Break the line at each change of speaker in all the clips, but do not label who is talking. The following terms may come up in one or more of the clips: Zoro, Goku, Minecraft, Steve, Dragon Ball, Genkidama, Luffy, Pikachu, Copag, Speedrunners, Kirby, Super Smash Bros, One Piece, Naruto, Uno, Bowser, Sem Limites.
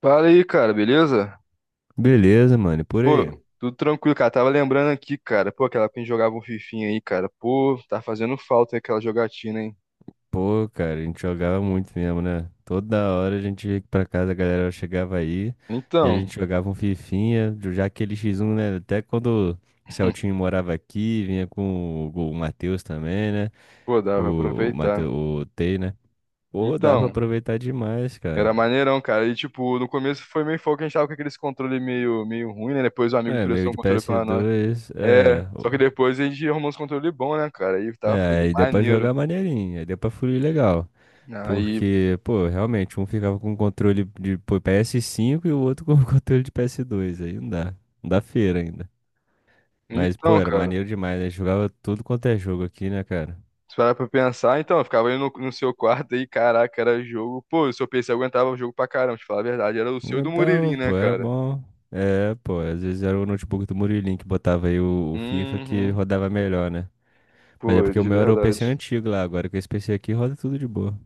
Fala aí, cara, beleza?
Beleza, mano, e por
Pô,
aí.
tudo tranquilo, cara. Tava lembrando aqui, cara. Pô, aquela época que a gente jogava um fifinha aí, cara. Pô, tá fazendo falta aquela jogatina, hein?
Pô, cara, a gente jogava muito mesmo, né? Toda hora a gente ia pra casa, a galera chegava aí e a
Então,
gente jogava um fifinha, já aquele X1, né? Até quando o Celtinho morava aqui, vinha com o Matheus também, né?
pô, dava pra
O
aproveitar.
Matheus, o Tei, né? Pô, dá pra
Então,
aproveitar demais, cara.
era maneirão, cara. E, tipo, no começo foi meio foco, a gente tava com aqueles controle meio ruim, né? Depois o amigo
É, meio
prestou um
de
controle pra nós.
PS2,
É,
é.
só que depois a gente arrumou uns controle bom, né, cara? Aí tava
É,
fluindo
aí deu pra
maneiro.
jogar maneirinho, aí deu pra fluir legal.
Aí,
Porque, pô, realmente, um ficava com um controle de pô, PS5 e o outro com controle de PS2. Aí não dá. Não dá feira ainda. Mas, pô,
então,
era
cara.
maneiro demais, né? Jogava tudo quanto é jogo aqui, né, cara?
Se parar pra pensar, então, eu ficava ali no seu quarto aí, caraca, era jogo. Pô, o seu PC aguentava o jogo pra caramba, te falar a verdade. Era o seu e do
Então,
Murilinho, né,
pô, era
cara?
bom. É, pô, às vezes era o notebook do Murilinho que botava aí o FIFA que
Uhum.
rodava melhor, né? Mas é
Pô,
porque o
de
meu era o PC
verdade.
antigo lá, agora com esse PC aqui roda tudo de boa.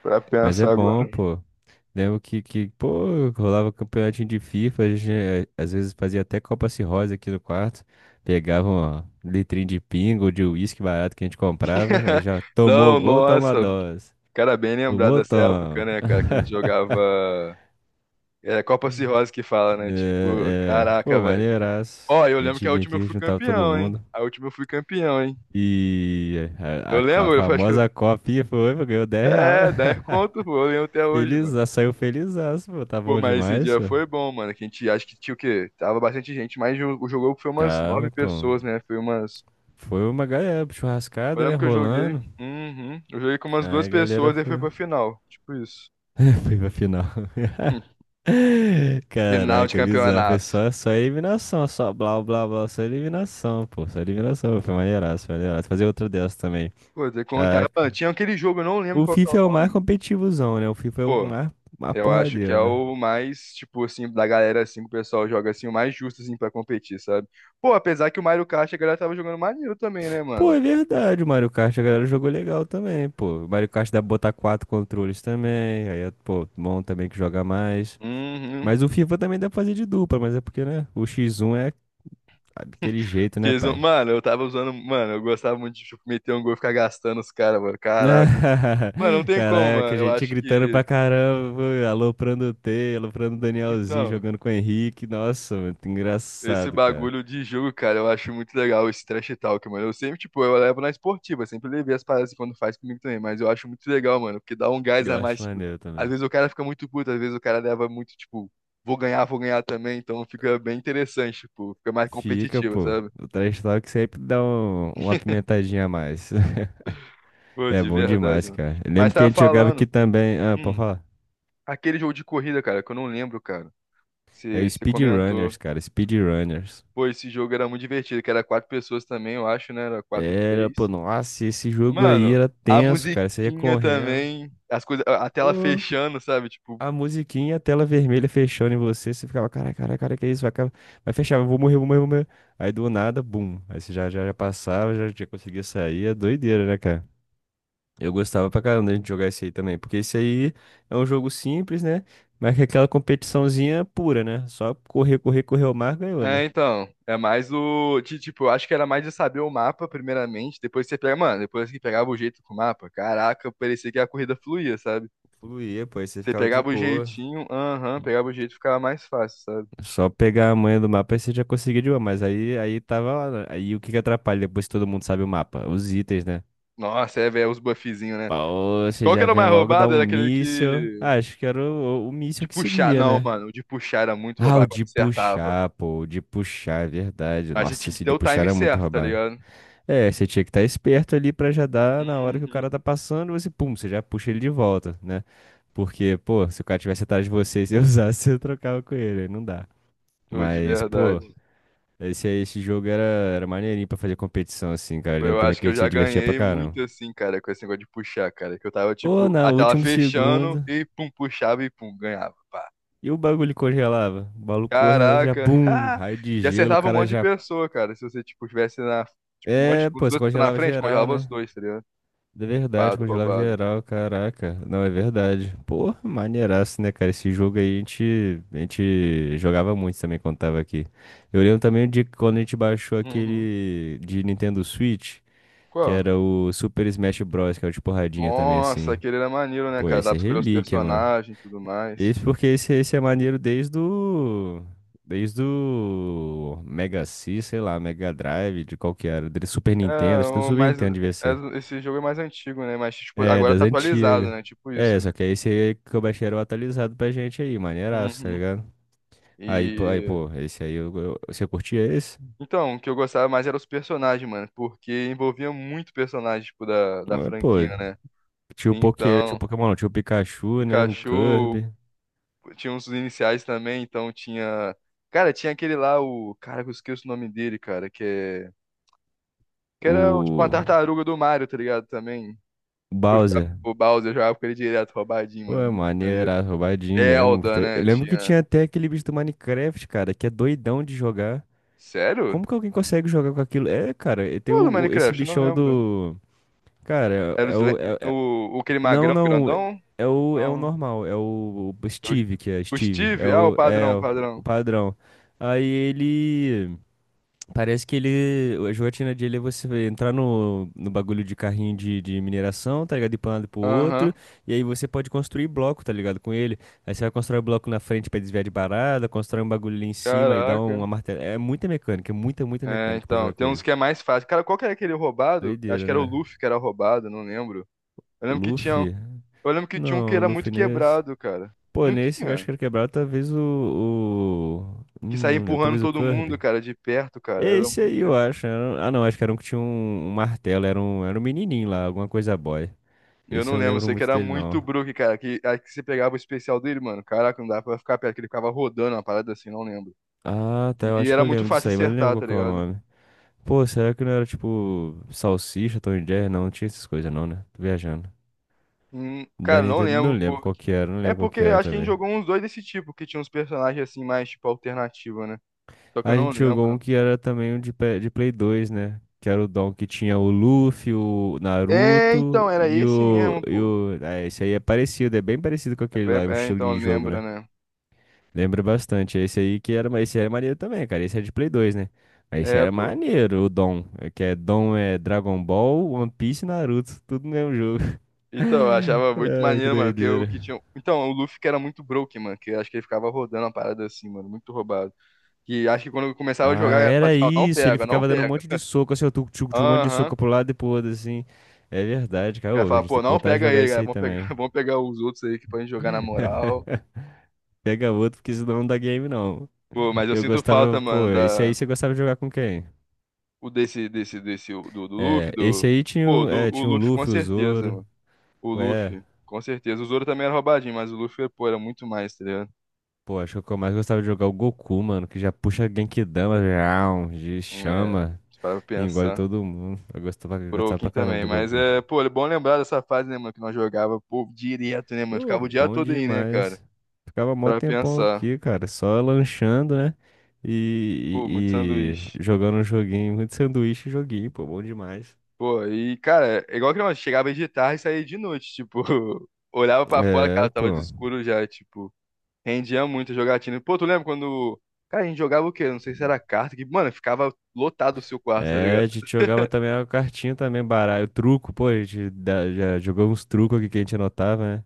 Pra
Mas é
pensar agora.
bom, pô. Lembro que, pô, rolava um campeonatinho de FIFA, a gente, eh, às vezes fazia até Copa Cirrose aqui no quarto, pegava uma litrinha de pinga ou de uísque barato que a gente comprava, aí já tomou o
Não,
gol, toma a
nossa.
dose.
Cara, bem lembrado
Tomou,
dessa época,
toma.
né, cara? Que a gente jogava. É Copa Cirrose que fala, né? Tipo,
É, pô,
caraca, velho.
maneiraço.
Ó, eu
A
lembro
gente
que a
vinha
última eu
aqui,
fui
juntava todo
campeão, hein?
mundo.
A última eu fui campeão, hein?
E
Eu
a
lembro, eu acho que.
famosa copinha foi, pô, ganhou 10 real.
É, 10 conto, pô, eu lembro até hoje,
Feliz,
mano.
saiu felizaço, pô, tá
Pô,
bom
mas esse
demais,
dia
pô.
foi bom, mano. Que a gente acho que tinha o quê? Tava bastante gente, mas o jogo foi umas nove
Tava, pô.
pessoas, né? Foi umas.
Foi uma galera,
Eu
churrascada, né?
lembro que eu joguei.
Rolando.
Uhum. Eu joguei com umas
Aí
duas
a galera
pessoas e
foi,
foi pra final. Tipo isso.
foi pra final.
Final de
Caraca, bizarro. Foi
campeonato.
só eliminação, só blá blá blá, só eliminação, pô. Só eliminação, foi maneiraço, foi maneiraço. Fazer outra dessa também.
Pô, de contar. Mano,
Caraca.
tinha aquele jogo, eu não lembro
O
qual que é
FIFA
o
é o mais
nome.
competitivozão, né? O FIFA é o
Pô,
mais
eu acho que é
porradeiro, né?
o mais, tipo assim, da galera assim, que o pessoal joga assim, o mais justo assim pra competir, sabe? Pô, apesar que o Mario Kart a galera tava jogando maneiro também, né,
Pô,
mano?
é verdade, o Mario Kart, a galera jogou legal também, pô. O Mario Kart dá pra botar quatro controles também. Aí, é, pô, bom também que joga mais.
Uhum.
Mas o FIFA também dá pra fazer de dupla, mas é porque, né? O X1 é daquele jeito, né,
Fiz um...
pai?
Mano, eu tava usando. Mano, eu gostava muito de tipo, meter um gol e ficar gastando os caras, mano. Caraca. Mano, não tem como,
Caraca,
mano.
a
Eu
gente
acho
gritando pra
que.
caramba, aloprando o T, aloprando o Danielzinho,
Então,
jogando com o Henrique. Nossa, mano,
esse
engraçado, cara.
bagulho de jogo, cara, eu acho muito legal esse trash talk, mano. Eu sempre, tipo, eu levo na esportiva, sempre levei as paradas quando faz comigo também. Mas eu acho muito legal, mano, porque dá um gás
Eu
a mais,
acho
tipo.
maneiro
Às
também.
vezes o cara fica muito puto, às vezes o cara leva muito, tipo, vou ganhar também. Então fica bem interessante, tipo, fica mais
Fica,
competitivo,
pô.
sabe?
O trash talk sempre dá uma pimentadinha a mais.
Pô,
É
de
bom
verdade,
demais,
mano.
cara. Eu
Mas
lembro que a
tava
gente jogava aqui
falando.
também. Ah, pode
hum,
falar.
Aquele jogo de corrida, cara, que eu não lembro, cara.
É o
Você
Speedrunners,
comentou.
cara. Speedrunners.
Pô, esse jogo era muito divertido, que era quatro pessoas também, eu acho, né? Era quatro,
Era, pô,
três.
nossa, esse jogo aí
Mano,
era
a
tenso, cara. Você ia
musiquinha
correndo.
também, as coisas, a tela
Pô,
fechando, sabe? Tipo,
a musiquinha, a tela vermelha fechando em você. Você ficava, cara, cara, cara, que isso? Vai fechar, eu vou morrer, eu vou morrer, eu vou morrer. Aí do nada, bum. Aí você já passava, já conseguia sair. É doideira, né, cara? Eu gostava pra caramba da gente jogar esse aí também. Porque esse aí é um jogo simples, né? Mas que é aquela competiçãozinha pura, né? Só correr, correr, correr o mar, ganhou,
é,
né?
então, é mais o, de, tipo, eu acho que era mais de saber o mapa, primeiramente, depois você pega, mano, depois que pegava o jeito com o mapa, caraca, parecia que a corrida fluía, sabe?
Fluía, pô, aí você
Você
ficava de
pegava o
boa.
jeitinho, aham, pegava o jeito, ficava mais fácil, sabe?
Só pegar a manha do mapa e você já conseguiu de uma, mas aí tava lá, né? Aí o que que atrapalha depois que todo mundo sabe o mapa? Os itens, né?
Nossa, é, velho, os buffzinhos, né?
Pô, você
Qual que
já
era o
vem
mais
logo dar
roubado?
um
Era aquele
míssil.
que
Ah, acho que era o
De
míssil que
puxar,
seguia,
não,
né?
mano. De puxar era muito
Ah, o
roubado, quando
de
acertava.
puxar, pô, o de puxar, é verdade.
Mas a gente
Nossa,
tinha que
esse
ter
de
o
puxar
time
era muito
certo, tá
roubado.
ligado?
É, você tinha que estar esperto ali pra já dar na hora que o cara
Uhum.
tá passando, você, pum, você já puxa ele de volta, né? Porque, pô, se o cara tivesse atrás de você e você usasse, você trocava com ele, aí não dá.
Pô, de
Mas, pô,
verdade.
esse jogo era maneirinho pra fazer competição, assim, cara. Eu
Pô,
lembro
eu
também
acho
que
que
a
eu
gente
já
se divertia pra
ganhei
caramba.
muito assim, cara, com esse negócio de puxar, cara. Que eu tava,
Ou
tipo,
na
a tela
último
fechando
segundo,
e pum, puxava e pum, ganhava. Pá.
e o bagulho congelava. O bagulho correndo, já
Caraca.
bum, raio de
E
gelo, o
acertava um
cara
monte de
já.
pessoa, cara. Se você, tipo, tivesse na. Tipo, um monte de.
É,
Os
pô, você
dois pessoas na
congelava
frente,
geral,
congelava os
né?
dois, tá ligado?
De verdade,
Roubado,
congelava
roubado.
geral, caraca. Não, é verdade. Pô, maneiraço, né, cara? Esse jogo aí a gente jogava muito também quando tava aqui. Eu lembro também de quando a gente baixou
Uhum.
aquele de Nintendo Switch. Que
Qual?
era o Super Smash Bros, que é o de porradinha também,
Nossa,
assim.
aquele era maneiro, né,
Pô,
cara?
esse
Dá
é
pra escolher os
relíquia, mano.
personagens e tudo mais.
Esse porque esse é maneiro desde o Mega C, sei lá, Mega Drive, de qual que era. Do Super
É,
Nintendo, acho que do
o
Super
mais,
Nintendo devia ser.
esse jogo é mais antigo, né? Mas, tipo,
É,
agora
das
tá atualizado,
antigas.
né? Tipo isso,
É,
né?
só que é esse aí que eu baixei era o atualizado pra gente aí, maneiraço, tá
Uhum.
ligado? Aí,
E.
pô, esse aí, você curtia esse?
Então, o que eu gostava mais era os personagens, mano. Porque envolvia muito personagem, tipo, da, da
Ah, pô,
franquia, né?
tinha o
Então,
Pokémon, não, tinha o Pikachu, né? O
Pikachu,
Kirby,
tinha uns iniciais também, então tinha. Cara, tinha aquele lá, o. Cara, que eu esqueço o nome dele, cara, que é. Que era tipo uma
o
tartaruga do Mario, tá ligado? Também. Eu jogava
Bowser.
com o Bowser, eu jogava com ele direto, roubadinho, mano.
Ué,
Muito maneiro.
maneira, roubadinho mesmo.
Zelda,
Eu
né?
lembro que
Tinha.
tinha até aquele bicho do Minecraft, cara, que é doidão de jogar.
Sério?
Como que alguém consegue jogar com aquilo? É, cara, e tem
Qual do
esse
Minecraft? Eu não
bichão
lembro.
do. Cara,
Era
é,
o,
é o.
É o- o, o aquele
Não,
magrão
não.
grandão?
É o
Não.
normal, o Steve, que é
O
Steve. É
Steve? Ah, o
o, é
padrão,
o o
padrão.
padrão. Aí ele. Parece que ele. A jogatina dele é você entrar no bagulho de carrinho de mineração, tá ligado? Ir pra um lado e pro outro.
Aham.
E aí você pode construir bloco, tá ligado? Com ele. Aí você vai constrói bloco na frente pra desviar de barada, constrói um bagulho ali em cima e dá
Caraca.
uma martela. É muita mecânica, é muita, muita
É,
mecânica pra
então,
jogar com
tem uns
ele.
que é mais fácil. Cara, qual que era aquele roubado? Acho
Doideira,
que era o
né?
Luffy que era roubado, não lembro. Eu
O
lembro que tinha,
Luffy?
eu lembro que tinha um que
Não, o
era muito
Luffy nesse.
quebrado, cara.
Pô,
Não
nesse eu acho
tinha.
que era quebrado, talvez o, o.
Que
hum,
saía
Não lembro,
empurrando
talvez o
todo mundo,
Kirby.
cara, de perto, cara.
É
Era
esse
muito.
aí, eu acho. Ah, não, acho que era um que tinha um martelo. Era um menininho lá, alguma coisa boy.
Eu
Esse
não
eu não
lembro, eu
lembro
sei que
muito
era
dele,
muito
não.
Brook, cara. Que, aí que você pegava o especial dele, mano. Caraca, não dava pra ficar perto, que ele ficava rodando uma parada assim, não lembro.
Ah, tá, eu
E
acho que
era
eu
muito
lembro
fácil
disso aí, mas eu não lembro
acertar,
qual
tá
que é o
ligado?
nome. Pô, será que não era tipo Salsicha, Tom e Jerry? Não, não tinha essas coisas, não, né? Tô viajando. Da
Cara, não
Nintendo, não
lembro
lembro qual
porque.
que era, não
É
lembro qual
porque
que era
acho que a gente
também.
jogou uns dois desse tipo, que tinha uns personagens assim, mais tipo alternativa, né? Só que eu
A
não
gente jogou um
lembro.
que era também um de Play 2, né? Que era o Dom, que tinha o Luffy, o
É,
Naruto
então, era
e
esse
o,
mesmo,
e
pô.
o... Ah, esse aí é parecido, é bem parecido com
É,
aquele lá, o
é, é,
estilo
então,
de jogo,
lembra,
né?
né?
Lembro bastante. Esse aí que era, esse era maneiro também, cara. Esse era de Play 2, né? Mas esse
É,
era
pô.
maneiro, o Dom. É, que é Dom é Dragon Ball, One Piece e Naruto. Tudo no mesmo jogo.
Então, eu achava muito
Ai, que
maneiro, mano, porque o
doideira.
que tinha. Então, o Luffy que era muito broke, mano, que eu acho que ele ficava rodando a parada assim, mano, muito roubado. Que acho que quando eu começava a
Ah,
jogar, eu falava
era
assim, ó, não
isso. Ele
pega, não
ficava dando um
pega.
monte de soco, assim, eu tu tu- tu- um monte de
Aham.
soco pro lado e pro outro, assim. É verdade,
O
cara.
cara
Ô, a
fala,
gente
pô,
tem que
não
voltar a
pega
jogar
ele,
isso
cara.
aí
Vamos pegar,
também.
vamos pegar os outros aí que podem jogar na moral.
Pega outro, porque senão não dá game, não.
Pô, mas eu
Eu
sinto
gostava,
falta,
pô,
mano,
esse aí
da
você gostava de jogar com quem?
o desse do Luffy,
É, esse
do
aí tinha,
pô,
o-
do
é,
o
tinha o
Luffy com
Luffy, o
certeza,
Zoro.
mano. O
Ué.
Luffy, com certeza. O Zoro também era roubadinho, mas o Luffy, pô, era muito mais, tá ligado?
Pô, acho que o que eu mais gostava de jogar é o Goku, mano, que já puxa Genkidama, já, de
É,
chama,
se parar pra
e engole
pensar.
todo mundo. Eu
O
gostava
Broken
pra caramba
também,
do
mas
Goku.
é, pô, é bom lembrar dessa fase, né, mano, que nós jogava, pô, direto, né, mano?
Pô,
Ficava o dia
bom
todo aí, né, cara?
demais. Ficava mó
Pra
tempão
pensar.
aqui, cara, só lanchando, né? E,
Pô, muito
e,
sanduíche.
e jogando um joguinho, muito sanduíche e joguinho, pô, bom demais.
Pô, e, cara, é igual que nós chegava aí de tarde e saía de noite, tipo, olhava pra fora, cara,
É,
tava de
pô.
escuro já, tipo. Rendia muito jogatina. Pô, tu lembra quando. Cara, a gente jogava o quê? Não sei se era carta, que, mano, ficava lotado o seu quarto, tá
É,
ligado?
a gente jogava também a cartinha também, baralho, truco, pô, a gente já jogou uns trucos aqui que a gente anotava, né?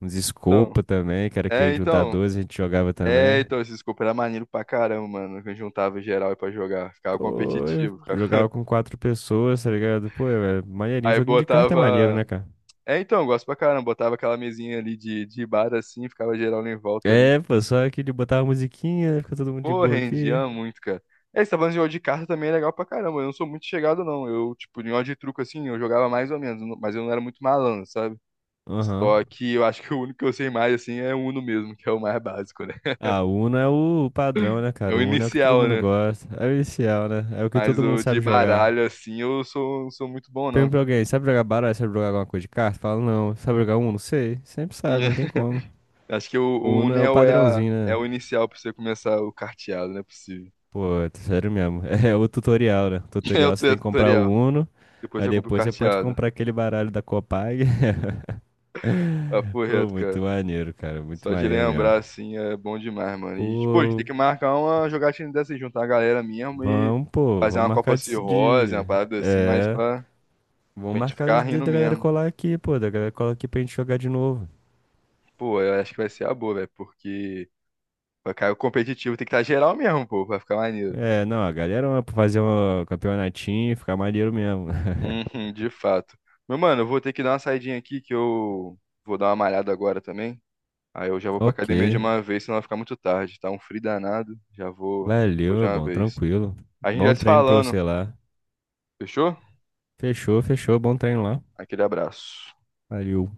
Uns
Então,
Scopa também, que era aquele
é,
de 1 a
então.
12, a gente jogava
É,
também.
então, esse scope era maneiro pra caramba, mano. Que a gente juntava em geral aí pra jogar. Ficava
Pô, eu
competitivo.
jogava com quatro pessoas, tá ligado? Pô, é maneirinho,
Aí
joguinho de carta é maneiro,
botava.
né, cara?
É, então, eu gosto pra caramba. Botava aquela mesinha ali de bar assim, ficava geral em volta ali.
É, pô, só aqui de botar a musiquinha, fica todo mundo de
Pô,
boa aqui.
rendia muito, cara. É, esse falando de jogo de carta também é legal pra caramba. Eu não sou muito chegado, não. Eu, tipo, em jogo de truco assim, eu jogava mais ou menos, mas eu não era muito malandro, sabe?
Aham.
Só que eu acho que o único que eu sei mais, assim, é o Uno mesmo, que é o mais básico, né?
Ah, o Uno é o padrão, né,
É
cara?
o
O Uno é o que todo
inicial,
mundo
né?
gosta. É o inicial, né? É o que
Mas
todo mundo
o de
sabe jogar.
baralho, assim, eu sou, não sou muito bom, não.
Pergunta pra alguém, sabe jogar baralho? Sabe jogar alguma coisa de carta? Fala, não. Sabe jogar Uno? Sei. Sempre sabe, não tem como.
Acho que o,
O
o
Uno
Uno
é
é,
o
o- é a-
padrãozinho,
é
né?
o inicial pra você começar o carteado, não é possível.
Pô, é sério mesmo. É o tutorial, né?
É o
Tutorial você tem que comprar o
tutorial.
Uno,
Depois
aí
você compra o
depois você pode
carteado.
comprar aquele baralho da Copag.
Papo
Pô,
reto,
muito
cara.
maneiro, cara. Muito
Só de
maneiro mesmo.
lembrar, assim, é bom demais, mano. E, pô, a gente tem
Pô,
que marcar uma jogatina dessa, aí, juntar a galera mesmo e
pô,
fazer
vamos
uma Copa
marcar de.
Cirrose, uma
de-
parada assim, mas
É.
pra,
Vamos
pra gente
marcar
ficar rindo
da galera
mesmo.
colar aqui, pô. Da galera colar aqui pra gente jogar de novo.
Pô, eu acho que vai ser a boa, velho, porque pra cair o competitivo tem que estar geral mesmo, pô, pra ficar maneiro.
É, não, a galera vai fazer um campeonatinho ficar maneiro mesmo.
Uhum, de fato. Meu mano, eu vou ter que dar uma saidinha aqui que eu vou dar uma malhada agora também. Aí eu já vou pra
Ok.
academia de uma vez, senão vai ficar muito tarde. Tá um frio danado, já vou, vou
Valeu,
de
é
uma
bom,
vez.
tranquilo.
A gente
Bom
vai se
treino pra você
falando,
lá.
fechou?
Fechou, fechou. Bom treino lá.
Aquele abraço.
Valeu.